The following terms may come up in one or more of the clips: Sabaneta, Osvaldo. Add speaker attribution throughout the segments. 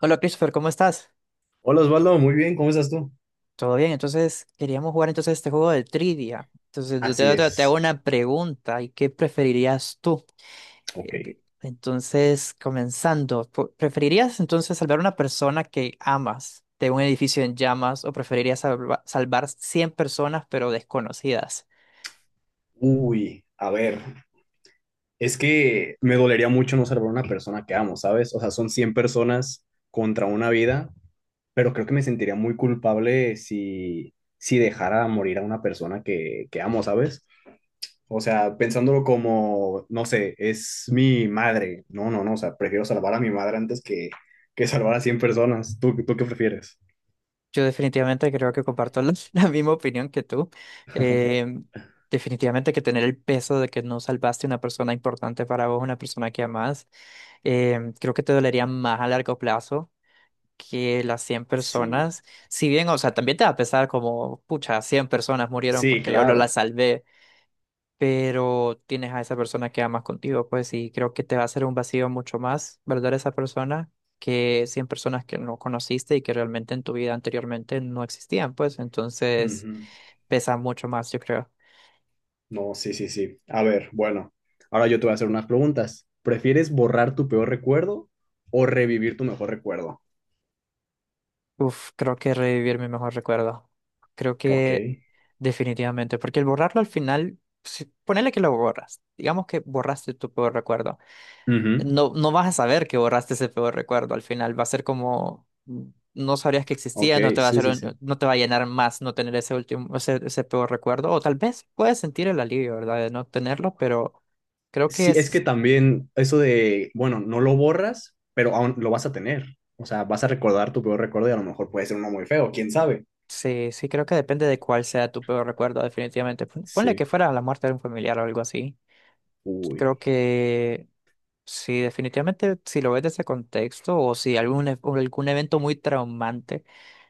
Speaker 1: Hola Christopher, ¿cómo estás?
Speaker 2: Hola Osvaldo, muy bien, ¿cómo estás tú?
Speaker 1: ¿Todo bien? Entonces, queríamos jugar entonces este juego de trivia. Entonces, yo
Speaker 2: Así
Speaker 1: te hago
Speaker 2: es.
Speaker 1: una pregunta, ¿y qué preferirías tú?
Speaker 2: Ok.
Speaker 1: Entonces, comenzando, ¿preferirías entonces salvar a una persona que amas de un edificio en llamas o preferirías salvar 100 personas pero desconocidas?
Speaker 2: Uy, a ver, es que me dolería mucho no salvar a una persona que amo, ¿sabes? O sea, son 100 personas contra una vida, pero creo que me sentiría muy culpable si dejara morir a una persona que amo, ¿sabes? O sea, pensándolo como, no sé, es mi madre. No, no, no, o sea, prefiero salvar a mi madre antes que salvar a 100 personas. ¿Tú qué prefieres?
Speaker 1: Yo definitivamente creo que comparto la, la misma opinión que tú. Eh, definitivamente que tener el peso de que no salvaste una persona importante para vos, una persona que amás, creo que te dolería más a largo plazo que las 100
Speaker 2: Sí,
Speaker 1: personas. Si bien, o sea, también te va a pesar como, pucha, 100 personas murieron
Speaker 2: sí,
Speaker 1: porque yo no las
Speaker 2: claro.
Speaker 1: salvé, pero tienes a esa persona que amas contigo, pues, y creo que te va a hacer un vacío mucho más, ¿verdad? Esa persona que 100 personas que no conociste y que realmente en tu vida anteriormente no existían, pues, entonces
Speaker 2: Ujú.
Speaker 1: pesa mucho más, yo creo.
Speaker 2: No, sí, sí, sí. A ver, bueno, ahora yo te voy a hacer unas preguntas. ¿Prefieres borrar tu peor recuerdo o revivir tu mejor recuerdo?
Speaker 1: Uf, creo que revivir mi mejor recuerdo. Creo
Speaker 2: Ok.
Speaker 1: que definitivamente, porque el borrarlo al final, si, ponele que lo borras, digamos que borraste tu peor recuerdo.
Speaker 2: Ujú.
Speaker 1: No, no vas a saber que borraste ese peor recuerdo al final, va a ser como, no sabrías que
Speaker 2: Ok,
Speaker 1: existía, no te va a
Speaker 2: sí,
Speaker 1: hacer,
Speaker 2: sí, sí.
Speaker 1: no te va a llenar más no tener ese último, ese peor recuerdo, o tal vez puedes sentir el alivio, ¿verdad? De no tenerlo, pero creo que
Speaker 2: Sí, es que
Speaker 1: es,
Speaker 2: también eso de, bueno, no lo borras, pero aún lo vas a tener. O sea, vas a recordar tu peor recuerdo y a lo mejor puede ser uno muy feo, quién sabe.
Speaker 1: sí, sí, creo que depende de cuál sea tu peor recuerdo, definitivamente. Ponle que
Speaker 2: Sí.
Speaker 1: fuera la muerte de un familiar o algo así.
Speaker 2: Uy.
Speaker 1: Creo que sí, definitivamente, si lo ves desde ese contexto o si algún, o algún evento muy traumante,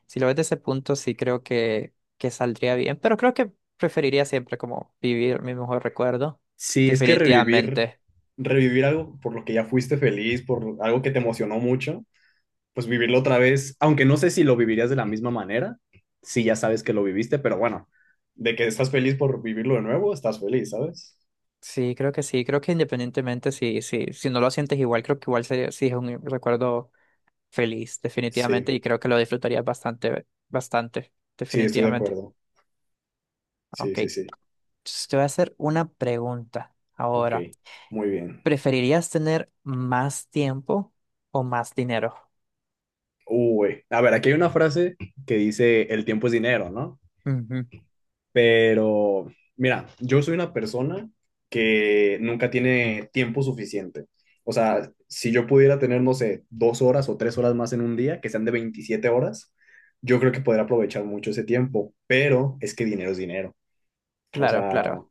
Speaker 1: si lo ves desde ese punto, sí creo que saldría bien, pero creo que preferiría siempre como vivir mi mejor recuerdo,
Speaker 2: Sí, es que revivir,
Speaker 1: definitivamente.
Speaker 2: revivir algo por lo que ya fuiste feliz, por algo que te emocionó mucho, pues vivirlo otra vez, aunque no sé si lo vivirías de la misma manera, si ya sabes que lo viviste, pero bueno, de que estás feliz por vivirlo de nuevo, estás feliz, ¿sabes?
Speaker 1: Sí, creo que independientemente si no lo sientes igual, creo que igual sería, sí es un recuerdo feliz, definitivamente,
Speaker 2: Sí,
Speaker 1: y creo que lo disfrutarías bastante, bastante,
Speaker 2: sí, estoy de
Speaker 1: definitivamente.
Speaker 2: acuerdo. Sí,
Speaker 1: Ok,
Speaker 2: sí, sí.
Speaker 1: entonces te voy a hacer una pregunta
Speaker 2: Ok,
Speaker 1: ahora.
Speaker 2: muy bien.
Speaker 1: ¿Preferirías tener más tiempo o más dinero?
Speaker 2: Uy, a ver, aquí hay una frase que dice, el tiempo es dinero, ¿no?
Speaker 1: Ujú.
Speaker 2: Pero, mira, yo soy una persona que nunca tiene tiempo suficiente. O sea, si yo pudiera tener, no sé, 2 horas o 3 horas más en un día, que sean de 27 horas, yo creo que podría aprovechar mucho ese tiempo. Pero es que dinero es dinero. O
Speaker 1: Claro,
Speaker 2: sea,
Speaker 1: claro.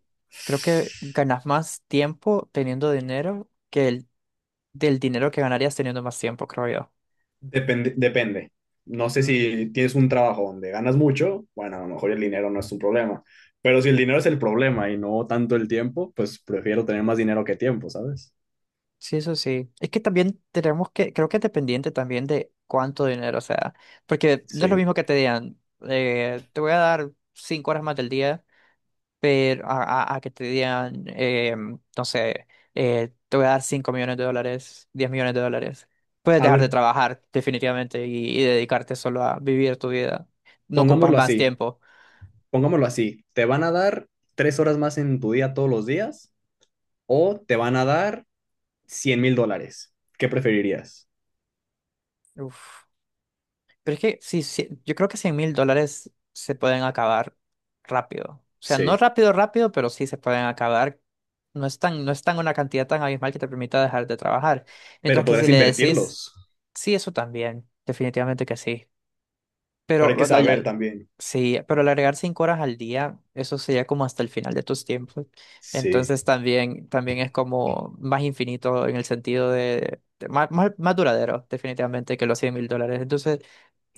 Speaker 1: Creo que ganas más tiempo teniendo dinero que el del dinero que ganarías teniendo más tiempo, creo yo.
Speaker 2: depende, depende. No sé
Speaker 1: Mm,
Speaker 2: si tienes un trabajo donde ganas mucho, bueno, a lo mejor el dinero no es un problema. Pero si el dinero es el problema y no tanto el tiempo, pues prefiero tener más dinero que tiempo, ¿sabes?
Speaker 1: sí, eso sí. Es que también tenemos que, creo que es dependiente también de cuánto dinero, o sea, porque no es lo
Speaker 2: Sí.
Speaker 1: mismo que te digan, te voy a dar 5 horas más del día, pero a, a que te digan, no sé, te voy a dar 5 millones de dólares, 10 millones de dólares. Puedes
Speaker 2: A
Speaker 1: dejar de
Speaker 2: ver,
Speaker 1: trabajar definitivamente y dedicarte solo a vivir tu vida. No ocupas
Speaker 2: pongámoslo
Speaker 1: más
Speaker 2: así,
Speaker 1: tiempo.
Speaker 2: pongámoslo así, te van a dar 3 horas más en tu día todos los días o te van a dar 100.000 dólares. ¿Qué preferirías?
Speaker 1: Uf. Pero es que sí, sí, yo creo que 100 mil dólares se pueden acabar rápido. O sea, no
Speaker 2: Sí,
Speaker 1: rápido, rápido, pero sí se pueden acabar. No es tan, no es tan una cantidad tan abismal que te permita dejar de trabajar.
Speaker 2: pero
Speaker 1: Mientras que si
Speaker 2: podrás
Speaker 1: le decís,
Speaker 2: invertirlos,
Speaker 1: sí, eso también, definitivamente que sí.
Speaker 2: pero
Speaker 1: Pero,
Speaker 2: hay que
Speaker 1: o sea,
Speaker 2: saber también.
Speaker 1: sí, pero al agregar 5 horas al día, eso sería como hasta el final de tus tiempos.
Speaker 2: Sí.
Speaker 1: Entonces también, también es como más infinito en el sentido de más, más, más duradero, definitivamente, que los 100 mil dólares. Entonces,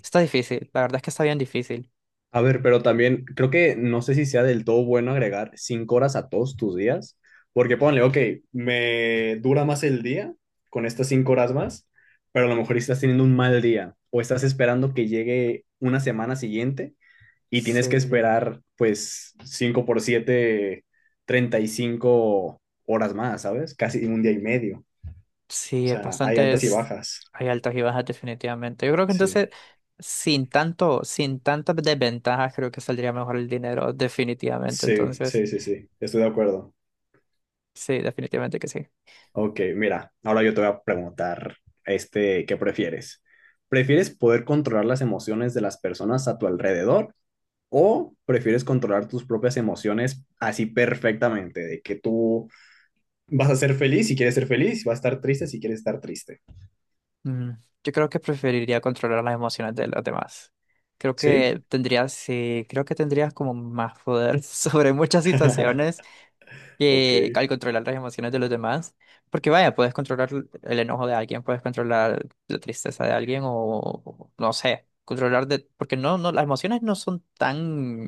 Speaker 1: está difícil, la verdad es que está bien difícil.
Speaker 2: A ver, pero también creo que no sé si sea del todo bueno agregar 5 horas a todos tus días, porque ponle, ok, me dura más el día con estas 5 horas más, pero a lo mejor estás teniendo un mal día o estás esperando que llegue una semana siguiente y tienes que
Speaker 1: Sí,
Speaker 2: esperar pues 5 por siete 35 horas más, ¿sabes? Casi un día y medio. O
Speaker 1: sí, es
Speaker 2: sea, hay
Speaker 1: bastante,
Speaker 2: altas y bajas.
Speaker 1: hay altas y bajas definitivamente. Yo creo que entonces,
Speaker 2: Sí,
Speaker 1: sin tanto, sin tantas desventajas, creo que saldría mejor el dinero, definitivamente.
Speaker 2: sí,
Speaker 1: Entonces,
Speaker 2: sí, sí, sí, estoy de acuerdo.
Speaker 1: sí, definitivamente que sí.
Speaker 2: Ok, mira, ahora yo te voy a preguntar, este, ¿qué prefieres? ¿Prefieres poder controlar las emociones de las personas a tu alrededor o prefieres controlar tus propias emociones así perfectamente, de que tú vas a ser feliz si quieres ser feliz, vas a estar triste si quieres estar triste?
Speaker 1: Mm, Yo creo que preferiría controlar las emociones de los demás. Creo
Speaker 2: ¿Sí?
Speaker 1: que tendrías, sí, creo que tendrías como más poder sobre muchas situaciones
Speaker 2: Ok.
Speaker 1: que al controlar las emociones de los demás. Porque vaya, puedes controlar el enojo de alguien, puedes controlar la tristeza de alguien o no sé, controlar de... Porque no, no, las emociones no son tan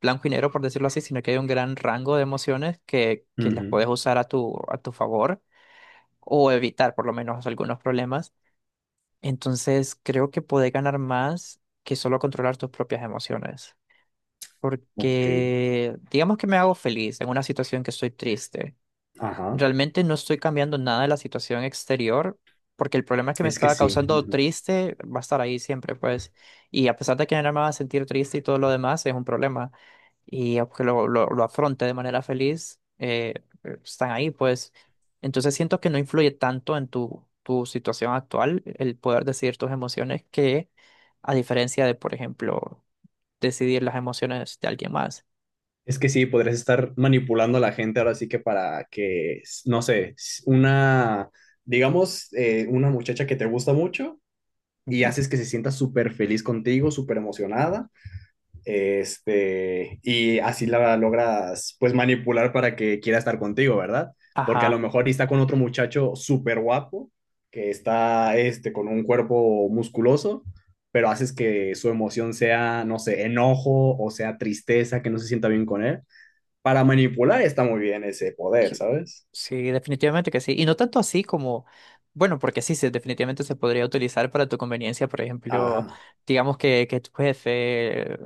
Speaker 1: blanco y negro, por decirlo así, sino que hay un gran rango de emociones que las
Speaker 2: Ujú.
Speaker 1: puedes usar a tu favor o evitar por lo menos algunos problemas. Entonces creo que podés ganar más que solo controlar tus propias emociones.
Speaker 2: Ok.
Speaker 1: Porque digamos que me hago feliz en una situación que estoy triste.
Speaker 2: Ajá.
Speaker 1: Realmente no estoy cambiando nada de la situación exterior, porque el problema que me
Speaker 2: Es que
Speaker 1: estaba
Speaker 2: sí.
Speaker 1: causando
Speaker 2: Ujú.
Speaker 1: triste va a estar ahí siempre, pues. Y a pesar de que no me va a sentir triste y todo lo demás, es un problema. Y aunque lo afronte de manera feliz, están ahí, pues. Entonces siento que no influye tanto en tu, tu situación actual el poder decidir tus emociones que a diferencia de, por ejemplo, decidir las emociones de alguien más.
Speaker 2: Es que sí, podrías estar manipulando a la gente ahora sí que para que, no sé, una, digamos, una muchacha que te gusta mucho y
Speaker 1: Ujú.
Speaker 2: haces que se sienta súper feliz contigo, súper emocionada. Este, y así la logras pues manipular para que quiera estar contigo, ¿verdad? Porque a lo
Speaker 1: Ajá.
Speaker 2: mejor está con otro muchacho súper guapo, que está este, con un cuerpo musculoso, pero haces que su emoción sea, no sé, enojo o sea tristeza, que no se sienta bien con él. Para manipular está muy bien ese poder,
Speaker 1: Que-
Speaker 2: ¿sabes?
Speaker 1: Sí, definitivamente que sí. Y no tanto así como, bueno, porque sí, se definitivamente se podría utilizar para tu conveniencia. Por ejemplo,
Speaker 2: Ajá,
Speaker 1: digamos que, que tu jefe, eh,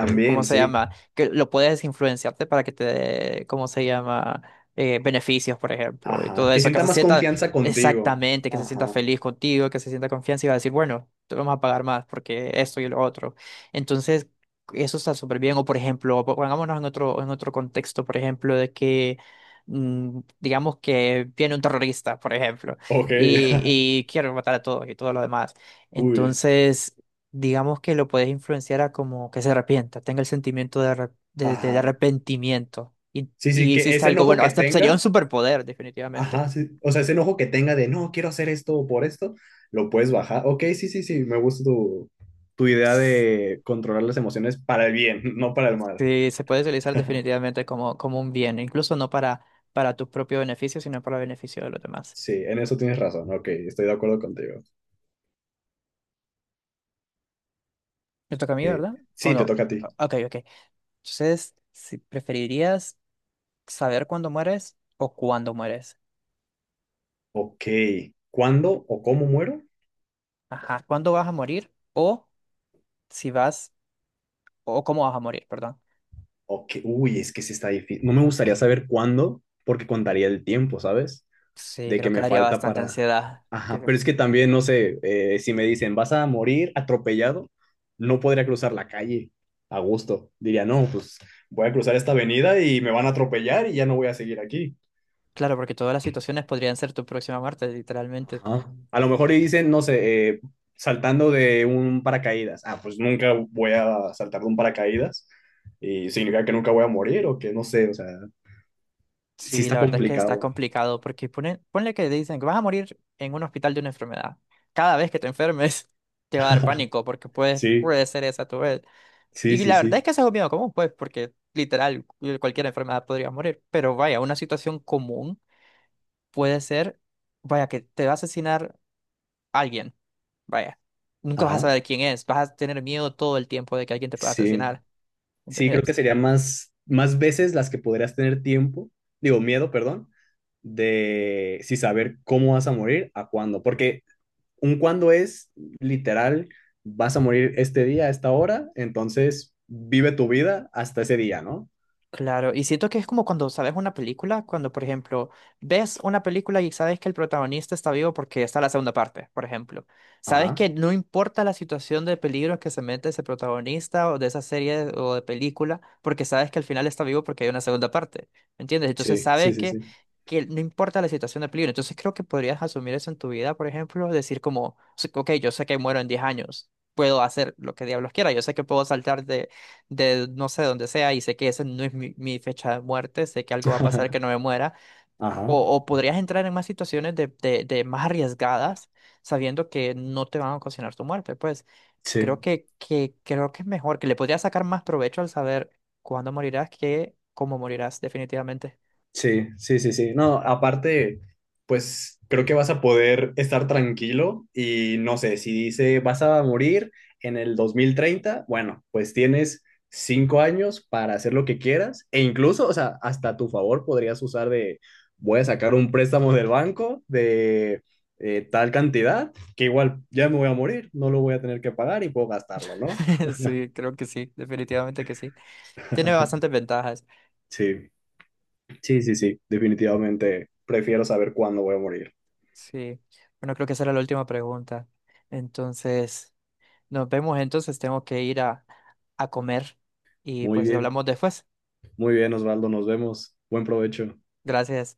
Speaker 1: eh, ¿cómo se
Speaker 2: sí.
Speaker 1: llama? Que lo puedes influenciarte para que te dé, ¿cómo se llama? Beneficios, por ejemplo, y
Speaker 2: Ajá,
Speaker 1: todo
Speaker 2: que
Speaker 1: eso. Que
Speaker 2: sienta
Speaker 1: se
Speaker 2: más
Speaker 1: sienta
Speaker 2: confianza contigo.
Speaker 1: exactamente, que se sienta
Speaker 2: Ajá,
Speaker 1: feliz contigo, que se sienta confianza y va a decir, bueno, te vamos a pagar más porque esto y lo otro. Entonces, eso está súper bien. O, por ejemplo, pongámonos en otro contexto, por ejemplo, de que, digamos que viene un terrorista, por ejemplo,
Speaker 2: ok,
Speaker 1: y quiere matar a todos y todo lo demás.
Speaker 2: uy,
Speaker 1: Entonces, digamos que lo puedes influenciar a como que se arrepienta, tenga el sentimiento de, de, de
Speaker 2: ajá.
Speaker 1: arrepentimiento.
Speaker 2: Sí, sí,
Speaker 1: Y
Speaker 2: que
Speaker 1: hiciste
Speaker 2: ese
Speaker 1: algo
Speaker 2: enojo
Speaker 1: bueno,
Speaker 2: que
Speaker 1: hasta sería un
Speaker 2: tenga.
Speaker 1: superpoder, definitivamente.
Speaker 2: Ajá, sí. O sea, ese enojo que tenga de no, quiero hacer esto por esto, lo puedes bajar. Ok, sí, sí, sí, me gusta tu idea de controlar las emociones para el bien, no para el mal.
Speaker 1: Sí, se puede utilizar definitivamente como, como un bien, incluso no para, para tu propio beneficio, sino para el beneficio de los demás.
Speaker 2: Sí, en eso tienes razón. Ok, estoy de acuerdo contigo.
Speaker 1: Me toca a mí, ¿verdad? ¿O
Speaker 2: Sí, te
Speaker 1: no?
Speaker 2: toca a ti.
Speaker 1: Ok, ok. Entonces, si preferirías saber cuándo mueres o cuándo mueres.
Speaker 2: Ok, ¿cuándo o cómo muero?
Speaker 1: Ajá, cuándo vas a morir o si vas o cómo vas a morir, perdón.
Speaker 2: Ok, uy, es que sí está difícil. No me gustaría saber cuándo porque contaría el tiempo, ¿sabes?
Speaker 1: Sí,
Speaker 2: De
Speaker 1: creo
Speaker 2: que
Speaker 1: que
Speaker 2: me
Speaker 1: daría
Speaker 2: falta
Speaker 1: bastante
Speaker 2: para...
Speaker 1: ansiedad.
Speaker 2: Ajá, pero es que también, no sé, si me dicen, vas a morir atropellado, no podría cruzar la calle a gusto. Diría, no, pues voy a cruzar esta avenida y me van a atropellar y ya no voy a seguir aquí.
Speaker 1: Claro, porque todas las situaciones podrían ser tu próxima muerte, literalmente.
Speaker 2: Ajá. A lo mejor y dicen, no sé, saltando de un paracaídas. Ah, pues nunca voy a saltar de un paracaídas y significa que nunca voy a morir o que no sé, o sea, sí
Speaker 1: Sí,
Speaker 2: está
Speaker 1: la verdad es que está
Speaker 2: complicado.
Speaker 1: complicado porque ponle que dicen que vas a morir en un hospital de una enfermedad. Cada vez que te enfermes te va a dar pánico porque puede,
Speaker 2: Sí,
Speaker 1: puede ser esa tu vez.
Speaker 2: sí,
Speaker 1: Y
Speaker 2: sí,
Speaker 1: la verdad es
Speaker 2: sí.
Speaker 1: que eso es algo miedo común, pues, porque literal cualquier enfermedad podría morir. Pero vaya, una situación común puede ser, vaya, que te va a asesinar alguien, vaya, nunca vas a
Speaker 2: Ajá.
Speaker 1: saber quién es, vas a tener miedo todo el tiempo de que alguien te pueda
Speaker 2: Sí.
Speaker 1: asesinar,
Speaker 2: Sí, creo que
Speaker 1: ¿entendés?
Speaker 2: sería más veces las que podrías tener tiempo, digo, miedo, perdón, de si saber cómo vas a morir, a cuándo. Porque un cuándo es literal, vas a morir este día, a esta hora, entonces vive tu vida hasta ese día, ¿no?
Speaker 1: Claro, y siento que es como cuando sabes una película, cuando por ejemplo ves una película y sabes que el protagonista está vivo porque está la segunda parte, por ejemplo. Sabes
Speaker 2: Ajá,
Speaker 1: que no importa la situación de peligro que se mete ese protagonista o de esa serie o de película, porque sabes que al final está vivo porque hay una segunda parte, ¿me entiendes? Entonces
Speaker 2: sí, sí,
Speaker 1: sabes
Speaker 2: sí, sí.
Speaker 1: que no importa la situación de peligro. Entonces creo que podrías asumir eso en tu vida, por ejemplo, decir como, "Sí, ok, yo sé que muero en 10 años, puedo hacer lo que diablos quiera, yo sé que puedo saltar de no sé dónde sea y sé que esa no es mi fecha de muerte, sé que algo va a pasar que no me muera,
Speaker 2: Ajá,
Speaker 1: o podrías entrar en más situaciones de más arriesgadas sabiendo que no te van a ocasionar tu muerte, pues creo
Speaker 2: sí.
Speaker 1: que, creo que es mejor, que le podrías sacar más provecho al saber cuándo morirás que cómo morirás, definitivamente.
Speaker 2: Sí, sí, sí, sí. No, aparte, pues creo que vas a poder estar tranquilo y no sé, si dice vas a morir en el 2030, bueno, pues tienes 5 años para hacer lo que quieras e incluso, o sea, hasta a tu favor podrías usar de, voy a sacar un préstamo del banco de tal cantidad que igual ya me voy a morir, no lo voy a tener que pagar y puedo gastarlo, ¿no?
Speaker 1: Sí, creo que sí, definitivamente que sí. Tiene bastantes ventajas.
Speaker 2: Sí, sí, sí, sí, definitivamente prefiero saber cuándo voy a morir.
Speaker 1: Sí, bueno, creo que esa era la última pregunta. Entonces... Nos vemos entonces, tengo que ir a comer y
Speaker 2: Muy
Speaker 1: pues
Speaker 2: bien.
Speaker 1: hablamos después.
Speaker 2: Muy bien, Osvaldo, nos vemos. Buen provecho.
Speaker 1: Gracias.